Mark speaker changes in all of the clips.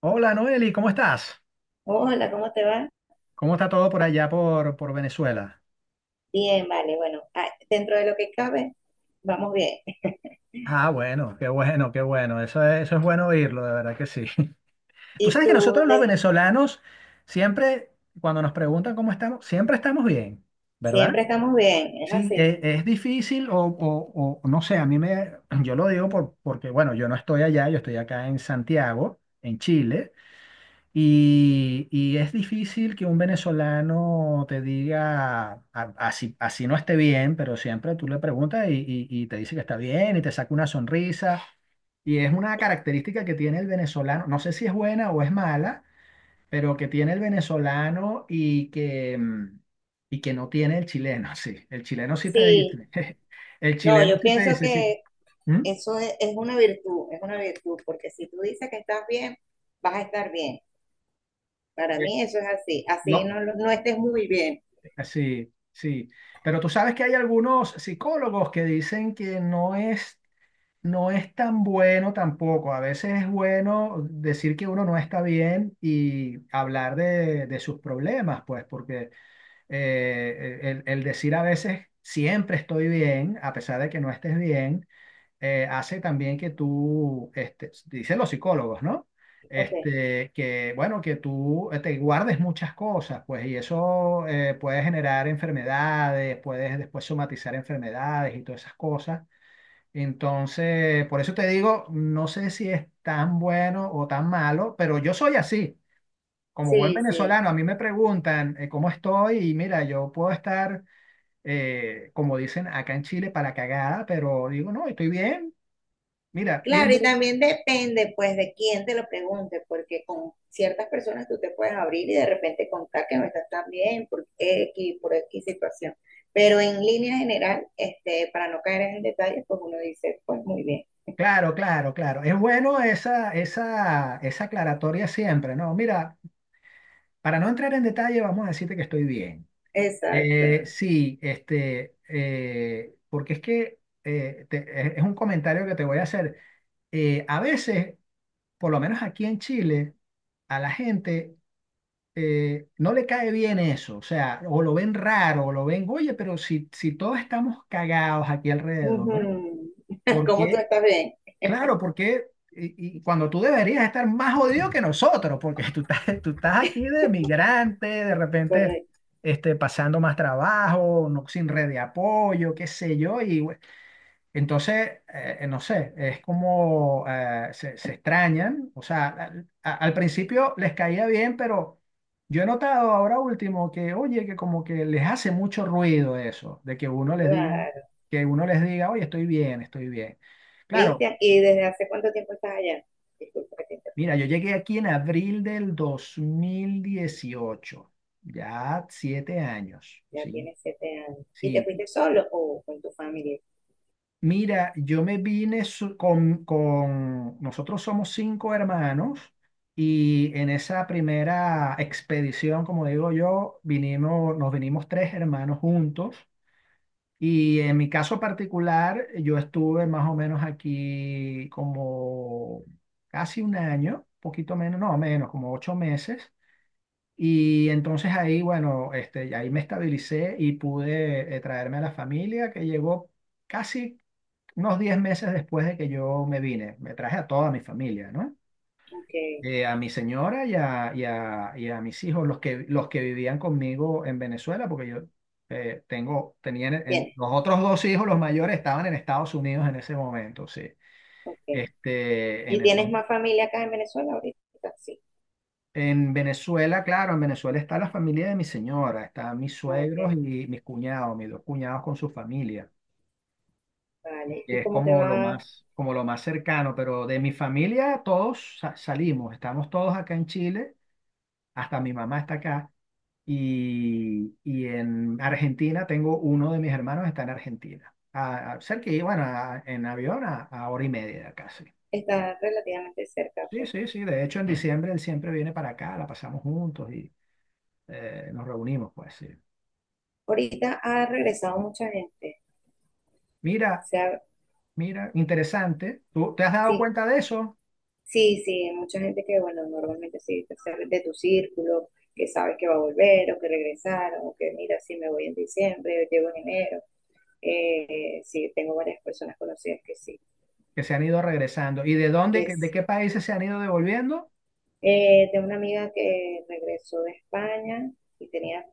Speaker 1: Hola Noeli, ¿cómo estás?
Speaker 2: Hola, ¿cómo te va?
Speaker 1: ¿Cómo está todo por allá por Venezuela?
Speaker 2: Bien, vale, bueno, dentro de lo que cabe, vamos bien.
Speaker 1: Ah, bueno, qué bueno, qué bueno. Eso es bueno oírlo, de verdad que sí. Tú
Speaker 2: Y
Speaker 1: sabes que
Speaker 2: tú,
Speaker 1: nosotros los
Speaker 2: de-
Speaker 1: venezolanos siempre, cuando nos preguntan cómo estamos, siempre estamos bien, ¿verdad?
Speaker 2: siempre estamos bien, es
Speaker 1: Sí,
Speaker 2: así.
Speaker 1: es difícil o no sé, yo lo digo porque, bueno, yo no estoy allá, yo estoy acá en Santiago, en Chile. Y es difícil que un venezolano te diga, así, así no esté bien, pero siempre tú le preguntas y te dice que está bien y te saca una sonrisa. Y es una característica que tiene el venezolano, no sé si es buena o es mala, pero que tiene el venezolano y que no tiene el chileno, sí. El chileno sí te
Speaker 2: Sí,
Speaker 1: dice, el
Speaker 2: no,
Speaker 1: chileno
Speaker 2: yo
Speaker 1: sí te
Speaker 2: pienso
Speaker 1: dice, sí.
Speaker 2: que
Speaker 1: ¿Mm?
Speaker 2: eso es una virtud, es una virtud, porque si tú dices que estás bien, vas a estar bien. Para
Speaker 1: Sí.
Speaker 2: mí eso es así, así
Speaker 1: Lo-
Speaker 2: no, no estés muy bien.
Speaker 1: Sí, sí. Pero tú sabes que hay algunos psicólogos que dicen que no es, no es tan bueno tampoco. A veces es bueno decir que uno no está bien y hablar de sus problemas, pues, porque el decir a veces siempre estoy bien, a pesar de que no estés bien, hace también que tú, este, dicen los psicólogos, ¿no?
Speaker 2: Ok,
Speaker 1: Este, que, bueno, que tú te guardes muchas cosas, pues, y eso puede generar enfermedades, puedes después somatizar enfermedades y todas esas cosas. Entonces, por eso te digo, no sé si es tan bueno o tan malo, pero yo soy así. Como buen
Speaker 2: sí, sí.
Speaker 1: venezolano, a mí me preguntan cómo estoy y mira, yo puedo estar, como dicen acá en Chile, para la cagada, pero digo, no, estoy bien. Mira, y en.
Speaker 2: Claro, y también depende pues de quién te lo pregunte, porque con ciertas personas tú te puedes abrir y de repente contar que no estás tan bien por X situación. Pero en línea general, para no caer en detalles, pues uno dice, pues muy bien.
Speaker 1: Claro, claro, claro. Es bueno esa aclaratoria siempre, ¿no? Mira, para no entrar en detalle, vamos a decirte que estoy bien.
Speaker 2: Exacto.
Speaker 1: Sí, este, porque es que es un comentario que te voy a hacer. A veces, por lo menos aquí en Chile, a la gente no le cae bien eso, o sea, o lo ven raro, o lo ven, oye, pero si, si todos estamos cagados aquí alrededor, ¿no?
Speaker 2: Ujú.
Speaker 1: ¿por
Speaker 2: ¿Cómo tú
Speaker 1: qué
Speaker 2: estás bien?
Speaker 1: Claro, porque y cuando tú deberías estar más jodido que nosotros, porque tú estás aquí de migrante, de repente
Speaker 2: Correcto.
Speaker 1: este, pasando más trabajo, no, sin red de apoyo, qué sé yo, entonces, no sé, es como se, se extrañan, o sea, al principio les caía bien, pero yo he notado ahora último que, oye, que como que les hace mucho ruido eso, de que uno les diga,
Speaker 2: Claro.
Speaker 1: que uno les diga, oye, estoy bien, estoy bien. Claro.
Speaker 2: Cristian, ¿y desde hace cuánto tiempo estás allá? Disculpa que te
Speaker 1: Mira,
Speaker 2: interrumpa.
Speaker 1: yo llegué aquí en abril del 2018, ya 7 años,
Speaker 2: Ya
Speaker 1: ¿sí?
Speaker 2: tienes 7 años. ¿Y te
Speaker 1: Sí,
Speaker 2: fuiste solo o con tu familia?
Speaker 1: mira, yo me vine so- con, nosotros somos 5 hermanos y en esa primera expedición, como digo yo, vinimos, nos vinimos 3 hermanos juntos y en mi caso particular, yo estuve más o menos aquí como casi un año, poquito menos, no, menos, como 8 meses. Y entonces ahí, bueno, este, ahí me estabilicé y pude traerme a la familia que llegó casi unos 10 meses después de que yo me vine. Me traje a toda mi familia, ¿no?
Speaker 2: Ok.
Speaker 1: A mi señora y a mis hijos, los que vivían conmigo en Venezuela, porque yo tenía
Speaker 2: Bien.
Speaker 1: los otros 2 hijos, los mayores, estaban en Estados Unidos en ese momento, sí.
Speaker 2: Ok.
Speaker 1: Este, en
Speaker 2: ¿Y
Speaker 1: el.
Speaker 2: tienes más familia acá en Venezuela ahorita? Sí.
Speaker 1: En Venezuela, claro, en Venezuela está la familia de mi señora, están mis
Speaker 2: Ok,
Speaker 1: suegros y mis cuñados, mis 2 cuñados con su familia,
Speaker 2: vale.
Speaker 1: que
Speaker 2: ¿Y
Speaker 1: es
Speaker 2: cómo te va?
Speaker 1: como lo más cercano, pero de mi familia salimos, estamos todos acá en Chile, hasta mi mamá está acá, y en Argentina tengo uno de mis hermanos está en Argentina, cerca, y bueno, en avión a hora y media casi.
Speaker 2: Está relativamente cerca,
Speaker 1: Sí, sí,
Speaker 2: pues.
Speaker 1: sí, sí, de hecho en diciembre él siempre viene para acá, la pasamos juntos y nos reunimos, pues sí.
Speaker 2: Ahorita ha regresado mucha gente. O
Speaker 1: Mira,
Speaker 2: sea,
Speaker 1: mira, interesante. ¿Tú te has dado
Speaker 2: sí,
Speaker 1: cuenta de eso?
Speaker 2: sí, sí, mucha gente que, bueno, normalmente sí, o sea, de tu círculo, que sabes que va a volver o que regresaron, o que mira, sí me voy en diciembre, llego en enero. Sí, tengo varias personas conocidas que sí,
Speaker 1: Que se han ido regresando. ¿Y de dónde,
Speaker 2: que
Speaker 1: de
Speaker 2: es.
Speaker 1: qué países se han ido devolviendo?
Speaker 2: Tengo una amiga que regresó de España y tenía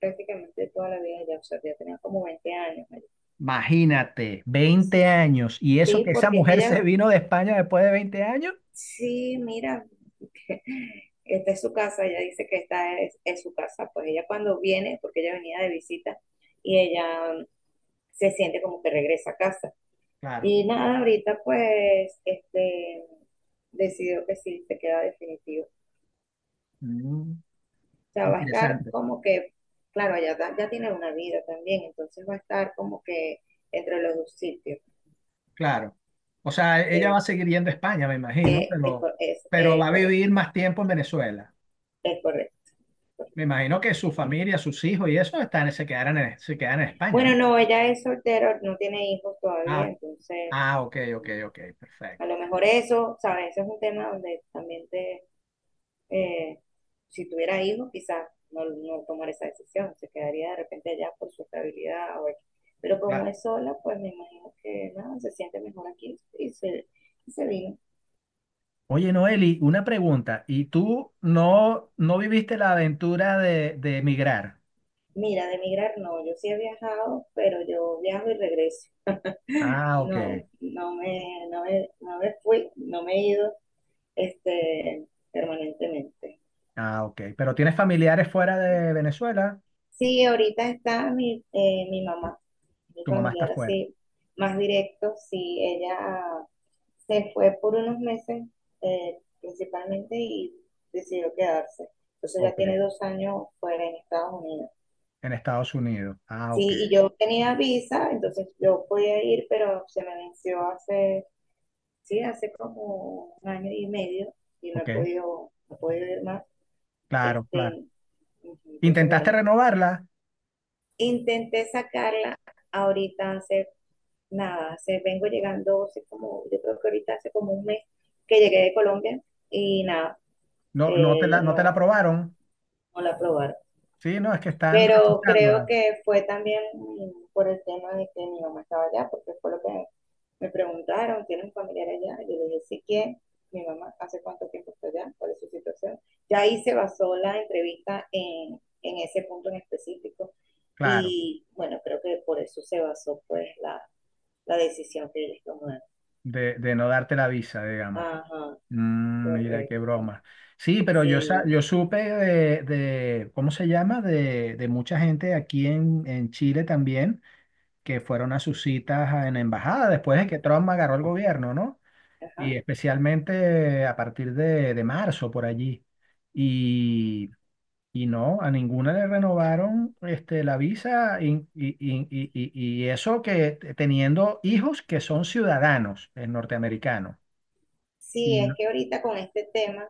Speaker 2: prácticamente toda la vida ya, o sea, ya tenía como 20 años allá.
Speaker 1: Imagínate, 20 años. ¿Y eso
Speaker 2: Sí,
Speaker 1: que esa
Speaker 2: porque es que
Speaker 1: mujer se
Speaker 2: ella,
Speaker 1: vino de España después de 20 años?
Speaker 2: sí, mira, esta es su casa, ella dice que esta es su casa, pues ella cuando viene, porque ella venía de visita, y ella se siente como que regresa a casa.
Speaker 1: Claro.
Speaker 2: Y nada, ahorita pues, decidió que sí, se queda definitivo.
Speaker 1: Mm,
Speaker 2: O sea, va a estar
Speaker 1: interesante,
Speaker 2: como que, claro, ya, ya tiene una vida también, entonces va a estar como que entre los dos sitios.
Speaker 1: claro. O sea, ella va a
Speaker 2: eh,
Speaker 1: seguir yendo a España, me imagino,
Speaker 2: Es, cor- es,
Speaker 1: pero
Speaker 2: es
Speaker 1: va a vivir más tiempo en Venezuela.
Speaker 2: Es correcto.
Speaker 1: Me imagino que su familia, sus hijos y eso están, se quedarán en, se quedan en España, ¿no?
Speaker 2: Bueno, no, ella es soltera, no tiene hijos todavía,
Speaker 1: Ah,
Speaker 2: entonces
Speaker 1: ah, ok, ok,
Speaker 2: mm,
Speaker 1: ok,
Speaker 2: a
Speaker 1: perfecto.
Speaker 2: lo mejor eso, ¿sabes? Ese es un tema donde también te, eh, si tuviera hijos, quizás no, no tomar esa decisión, se quedaría de repente allá por su estabilidad o X. Pero como
Speaker 1: Claro.
Speaker 2: es sola, pues me imagino que nada, se siente mejor aquí y y se vino.
Speaker 1: Oye, Noeli, una pregunta. ¿Y tú no, no viviste la aventura de emigrar?
Speaker 2: Mira, de emigrar no, yo sí he viajado, pero yo viajo y regreso.
Speaker 1: Ah, ok.
Speaker 2: No, no me, no me, no me fui, no me he ido este, permanentemente.
Speaker 1: Ah, ok. Pero tienes familiares fuera de Venezuela.
Speaker 2: Sí, ahorita está mi, mi mamá, mi
Speaker 1: Tu mamá está
Speaker 2: familiar
Speaker 1: fuera.
Speaker 2: así, más directo, sí, ella se fue por unos meses principalmente y decidió quedarse. Entonces ya
Speaker 1: Ok.
Speaker 2: tiene 2 años fuera en Estados Unidos.
Speaker 1: En Estados Unidos. Ah, ok.
Speaker 2: Sí, y yo tenía visa, entonces yo podía ir, pero se me venció hace, sí, hace como un año y medio y no he
Speaker 1: Ok.
Speaker 2: podido, no he podido ir más.
Speaker 1: Claro, claro.
Speaker 2: Este, Ujú, entonces,
Speaker 1: ¿Intentaste
Speaker 2: bueno,
Speaker 1: renovarla?
Speaker 2: intenté sacarla ahorita hace nada, hace, vengo llegando, hace como, yo creo que ahorita hace como un mes que llegué de Colombia y nada,
Speaker 1: No, no te la, no te la
Speaker 2: no,
Speaker 1: aprobaron.
Speaker 2: no la probaron.
Speaker 1: Sí, no, es que están
Speaker 2: Pero creo
Speaker 1: rechazándola.
Speaker 2: que fue también por el tema de que mi mamá estaba allá, porque fue lo que me preguntaron, ¿tiene un familiar allá? Yo le dije, sí que mi mamá, ¿hace cuánto tiempo está allá? ¿Cuál es su situación? Ya ahí se basó la entrevista en ese punto en específico
Speaker 1: Claro.
Speaker 2: y bueno, creo que por eso se basó pues la decisión que ellos tomaron.
Speaker 1: De no darte la visa, digamos.
Speaker 2: Ajá,
Speaker 1: Mm, mira, qué
Speaker 2: correcto.
Speaker 1: broma. Sí, pero yo,
Speaker 2: Sí,
Speaker 1: yo supe de, ¿cómo se llama? De mucha gente aquí en Chile también que fueron a sus citas en la embajada después de que Trump agarró el gobierno, ¿no?
Speaker 2: ajá.
Speaker 1: Y especialmente a partir de marzo por allí. Y, y no, a ninguna le renovaron este, la visa y eso que teniendo hijos que son ciudadanos norteamericanos.
Speaker 2: Sí,
Speaker 1: Y
Speaker 2: es
Speaker 1: no-
Speaker 2: que ahorita con este tema,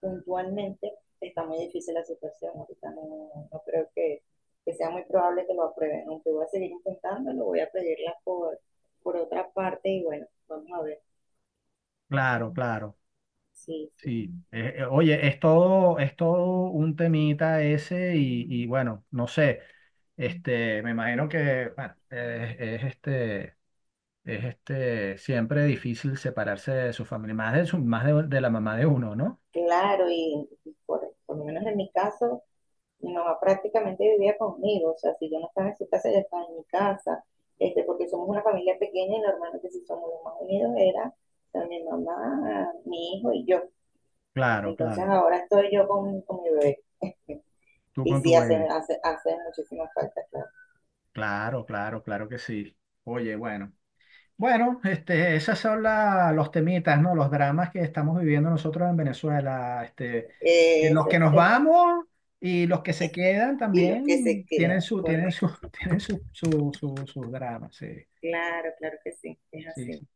Speaker 2: puntualmente, está muy difícil la situación. Ahorita no, no no creo que sea muy probable que lo aprueben, aunque voy a seguir intentando, lo voy a pedirla por otra parte y bueno, vamos a ver.
Speaker 1: claro, claro.
Speaker 2: Sí, sí.
Speaker 1: Sí, oye, es todo un temita ese y bueno, no sé, este, me imagino que, bueno, es este, siempre difícil separarse de su familia, más de su, más de la mamá de uno, ¿no?
Speaker 2: Claro, y por lo menos en mi caso, mi mamá prácticamente vivía conmigo, o sea, si yo no estaba en su casa, ella estaba en mi casa, porque somos una familia pequeña y normalmente si somos los más unidos era o sea, mi mamá, mi hijo y yo.
Speaker 1: Claro,
Speaker 2: Entonces
Speaker 1: claro,
Speaker 2: ahora estoy yo con mi bebé.
Speaker 1: tú
Speaker 2: Y
Speaker 1: con tu
Speaker 2: sí, hace,
Speaker 1: baby,
Speaker 2: hace, hace muchísima falta, claro.
Speaker 1: claro, claro, claro que sí. Oye, bueno. Bueno, este, esas son los temitas, ¿no? Los dramas que estamos viviendo nosotros en Venezuela. Este, de los
Speaker 2: Ese
Speaker 1: que
Speaker 2: es
Speaker 1: nos
Speaker 2: el
Speaker 1: vamos y los que se quedan
Speaker 2: hilo que se
Speaker 1: también
Speaker 2: queda,
Speaker 1: tienen su,
Speaker 2: correcto.
Speaker 1: tienen su, sus dramas. Sí,
Speaker 2: Claro, claro que sí, es
Speaker 1: sí,
Speaker 2: así.
Speaker 1: sí.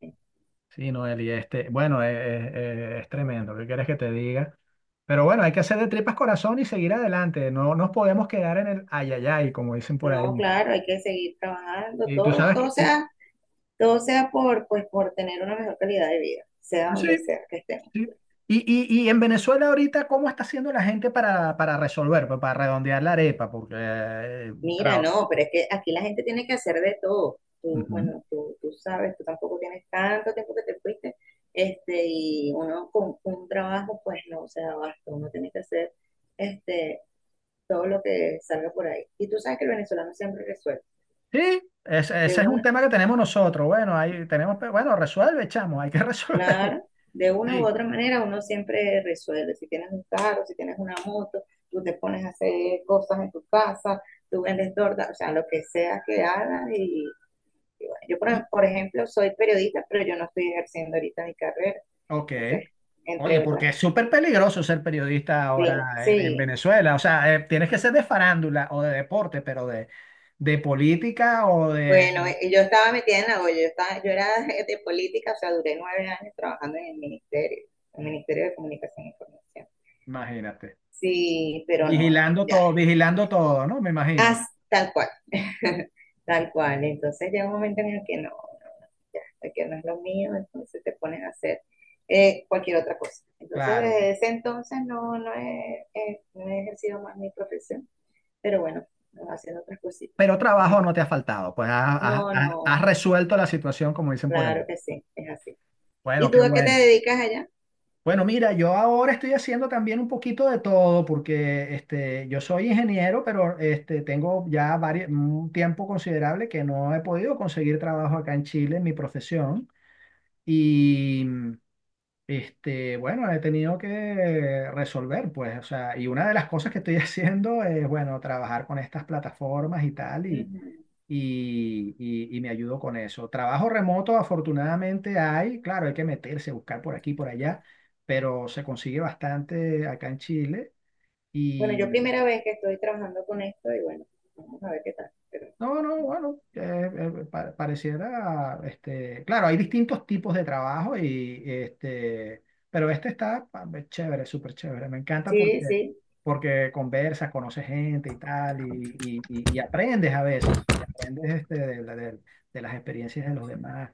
Speaker 1: Sí, Noel, y este, bueno, es, es tremendo. ¿Qué quieres que te diga? Pero bueno, hay que hacer de tripas corazón y seguir adelante. No nos podemos quedar en el ayayay, como dicen por
Speaker 2: No,
Speaker 1: ahí.
Speaker 2: claro, hay que seguir trabajando,
Speaker 1: Y tú
Speaker 2: todo,
Speaker 1: sabes
Speaker 2: todo
Speaker 1: que,
Speaker 2: sea, todo sea por, pues, por tener una mejor calidad de vida, sea donde
Speaker 1: sí,
Speaker 2: sea que estemos.
Speaker 1: sí. Y, y en Venezuela ahorita, ¿cómo está haciendo la gente para resolver, pues, para redondear la arepa? Porque
Speaker 2: Mira, no, pero es que aquí la gente tiene que hacer de todo. Tú,
Speaker 1: ujú.
Speaker 2: bueno, tú sabes, tú tampoco tienes tanto tiempo que te fuiste. Y uno con un trabajo, pues no se da abasto. Uno tiene que hacer este, todo lo que salga por ahí. Y tú sabes que el venezolano siempre resuelve.
Speaker 1: Sí,
Speaker 2: De
Speaker 1: ese es un
Speaker 2: una,
Speaker 1: tema que tenemos nosotros. Bueno, ahí tenemos, bueno, resuelve, chamo, hay que resolver.
Speaker 2: claro, de una u
Speaker 1: Sí.
Speaker 2: otra manera uno siempre resuelve. Si tienes un carro, si tienes una moto, tú te pones a hacer cosas en tu casa, tú vendes torta, o sea, lo que sea que hagas Y bueno, yo,
Speaker 1: Y-
Speaker 2: por ejemplo, soy periodista, pero yo no estoy ejerciendo ahorita mi carrera.
Speaker 1: ok.
Speaker 2: Entonces,
Speaker 1: Oye,
Speaker 2: entre otras.
Speaker 1: porque es súper peligroso ser periodista
Speaker 2: Sí,
Speaker 1: ahora en
Speaker 2: sí.
Speaker 1: Venezuela. O sea, tienes que ser de farándula o de deporte, pero de política o de...
Speaker 2: Bueno, yo estaba metida en la olla, yo, estaba, yo era de política, o sea, duré 9 años trabajando en el Ministerio de Comunicación e Información.
Speaker 1: imagínate.
Speaker 2: Sí, pero no, no, ya,
Speaker 1: Vigilando todo, ¿no? Me
Speaker 2: As,
Speaker 1: imagino.
Speaker 2: tal cual,
Speaker 1: Sí,
Speaker 2: tal cual. Entonces llega un momento en el que no, no, no, ya, que no es lo mío, entonces te pones a hacer cualquier otra cosa. Entonces
Speaker 1: claro.
Speaker 2: desde ese entonces no, no, no he ejercido más mi profesión, pero bueno, haciendo otras cositas.
Speaker 1: Pero trabajo no te ha faltado, pues has,
Speaker 2: No,
Speaker 1: has
Speaker 2: no,
Speaker 1: resuelto la situación, como dicen por ahí.
Speaker 2: claro que sí, es así.
Speaker 1: Bueno,
Speaker 2: ¿Y
Speaker 1: qué
Speaker 2: tú a qué te
Speaker 1: bueno.
Speaker 2: dedicas allá?
Speaker 1: Bueno, mira, yo ahora estoy haciendo también un poquito de todo, porque este, yo soy ingeniero, pero este, tengo ya un tiempo considerable que no he podido conseguir trabajo acá en Chile en mi profesión. Y este, bueno, he tenido que resolver, pues, o sea, y una de las cosas que estoy haciendo es, bueno, trabajar con estas plataformas y tal. y,
Speaker 2: Ujú.
Speaker 1: y- y me ayudó con eso. Trabajo remoto, afortunadamente hay, claro, hay que meterse, buscar por aquí, por allá, pero se consigue bastante acá en Chile.
Speaker 2: Bueno, yo primera vez que estoy trabajando con esto y bueno, vamos a ver qué tal. Pero,
Speaker 1: No, no, bueno, pareciera, este, claro, hay distintos tipos de trabajo y este, pero este está chévere, súper chévere. Me encanta
Speaker 2: sí,
Speaker 1: porque,
Speaker 2: sí.
Speaker 1: porque conversas, conoces gente y tal, y aprendes a veces, y aprendes este, de las experiencias de los demás.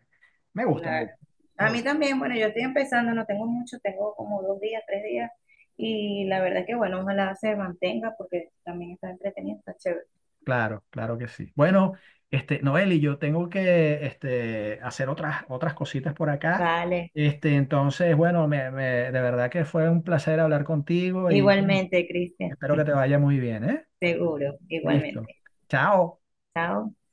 Speaker 1: Me gusta, me
Speaker 2: Claro.
Speaker 1: gusta, me
Speaker 2: A mí
Speaker 1: gusta.
Speaker 2: también, bueno, yo estoy empezando, no tengo mucho, tengo como 2 días, 3 días, y la verdad que bueno, ojalá se mantenga porque también está entretenido, está chévere.
Speaker 1: Claro, claro que sí. Bueno, este, Noeli, yo tengo que este, hacer otras, otras cositas por acá.
Speaker 2: Vale,
Speaker 1: Este, entonces, bueno, de verdad que fue un placer hablar contigo y bueno,
Speaker 2: igualmente, Cristian,
Speaker 1: espero que te vaya muy bien, ¿eh?
Speaker 2: seguro,
Speaker 1: Listo.
Speaker 2: igualmente.
Speaker 1: Chao.
Speaker 2: Chao.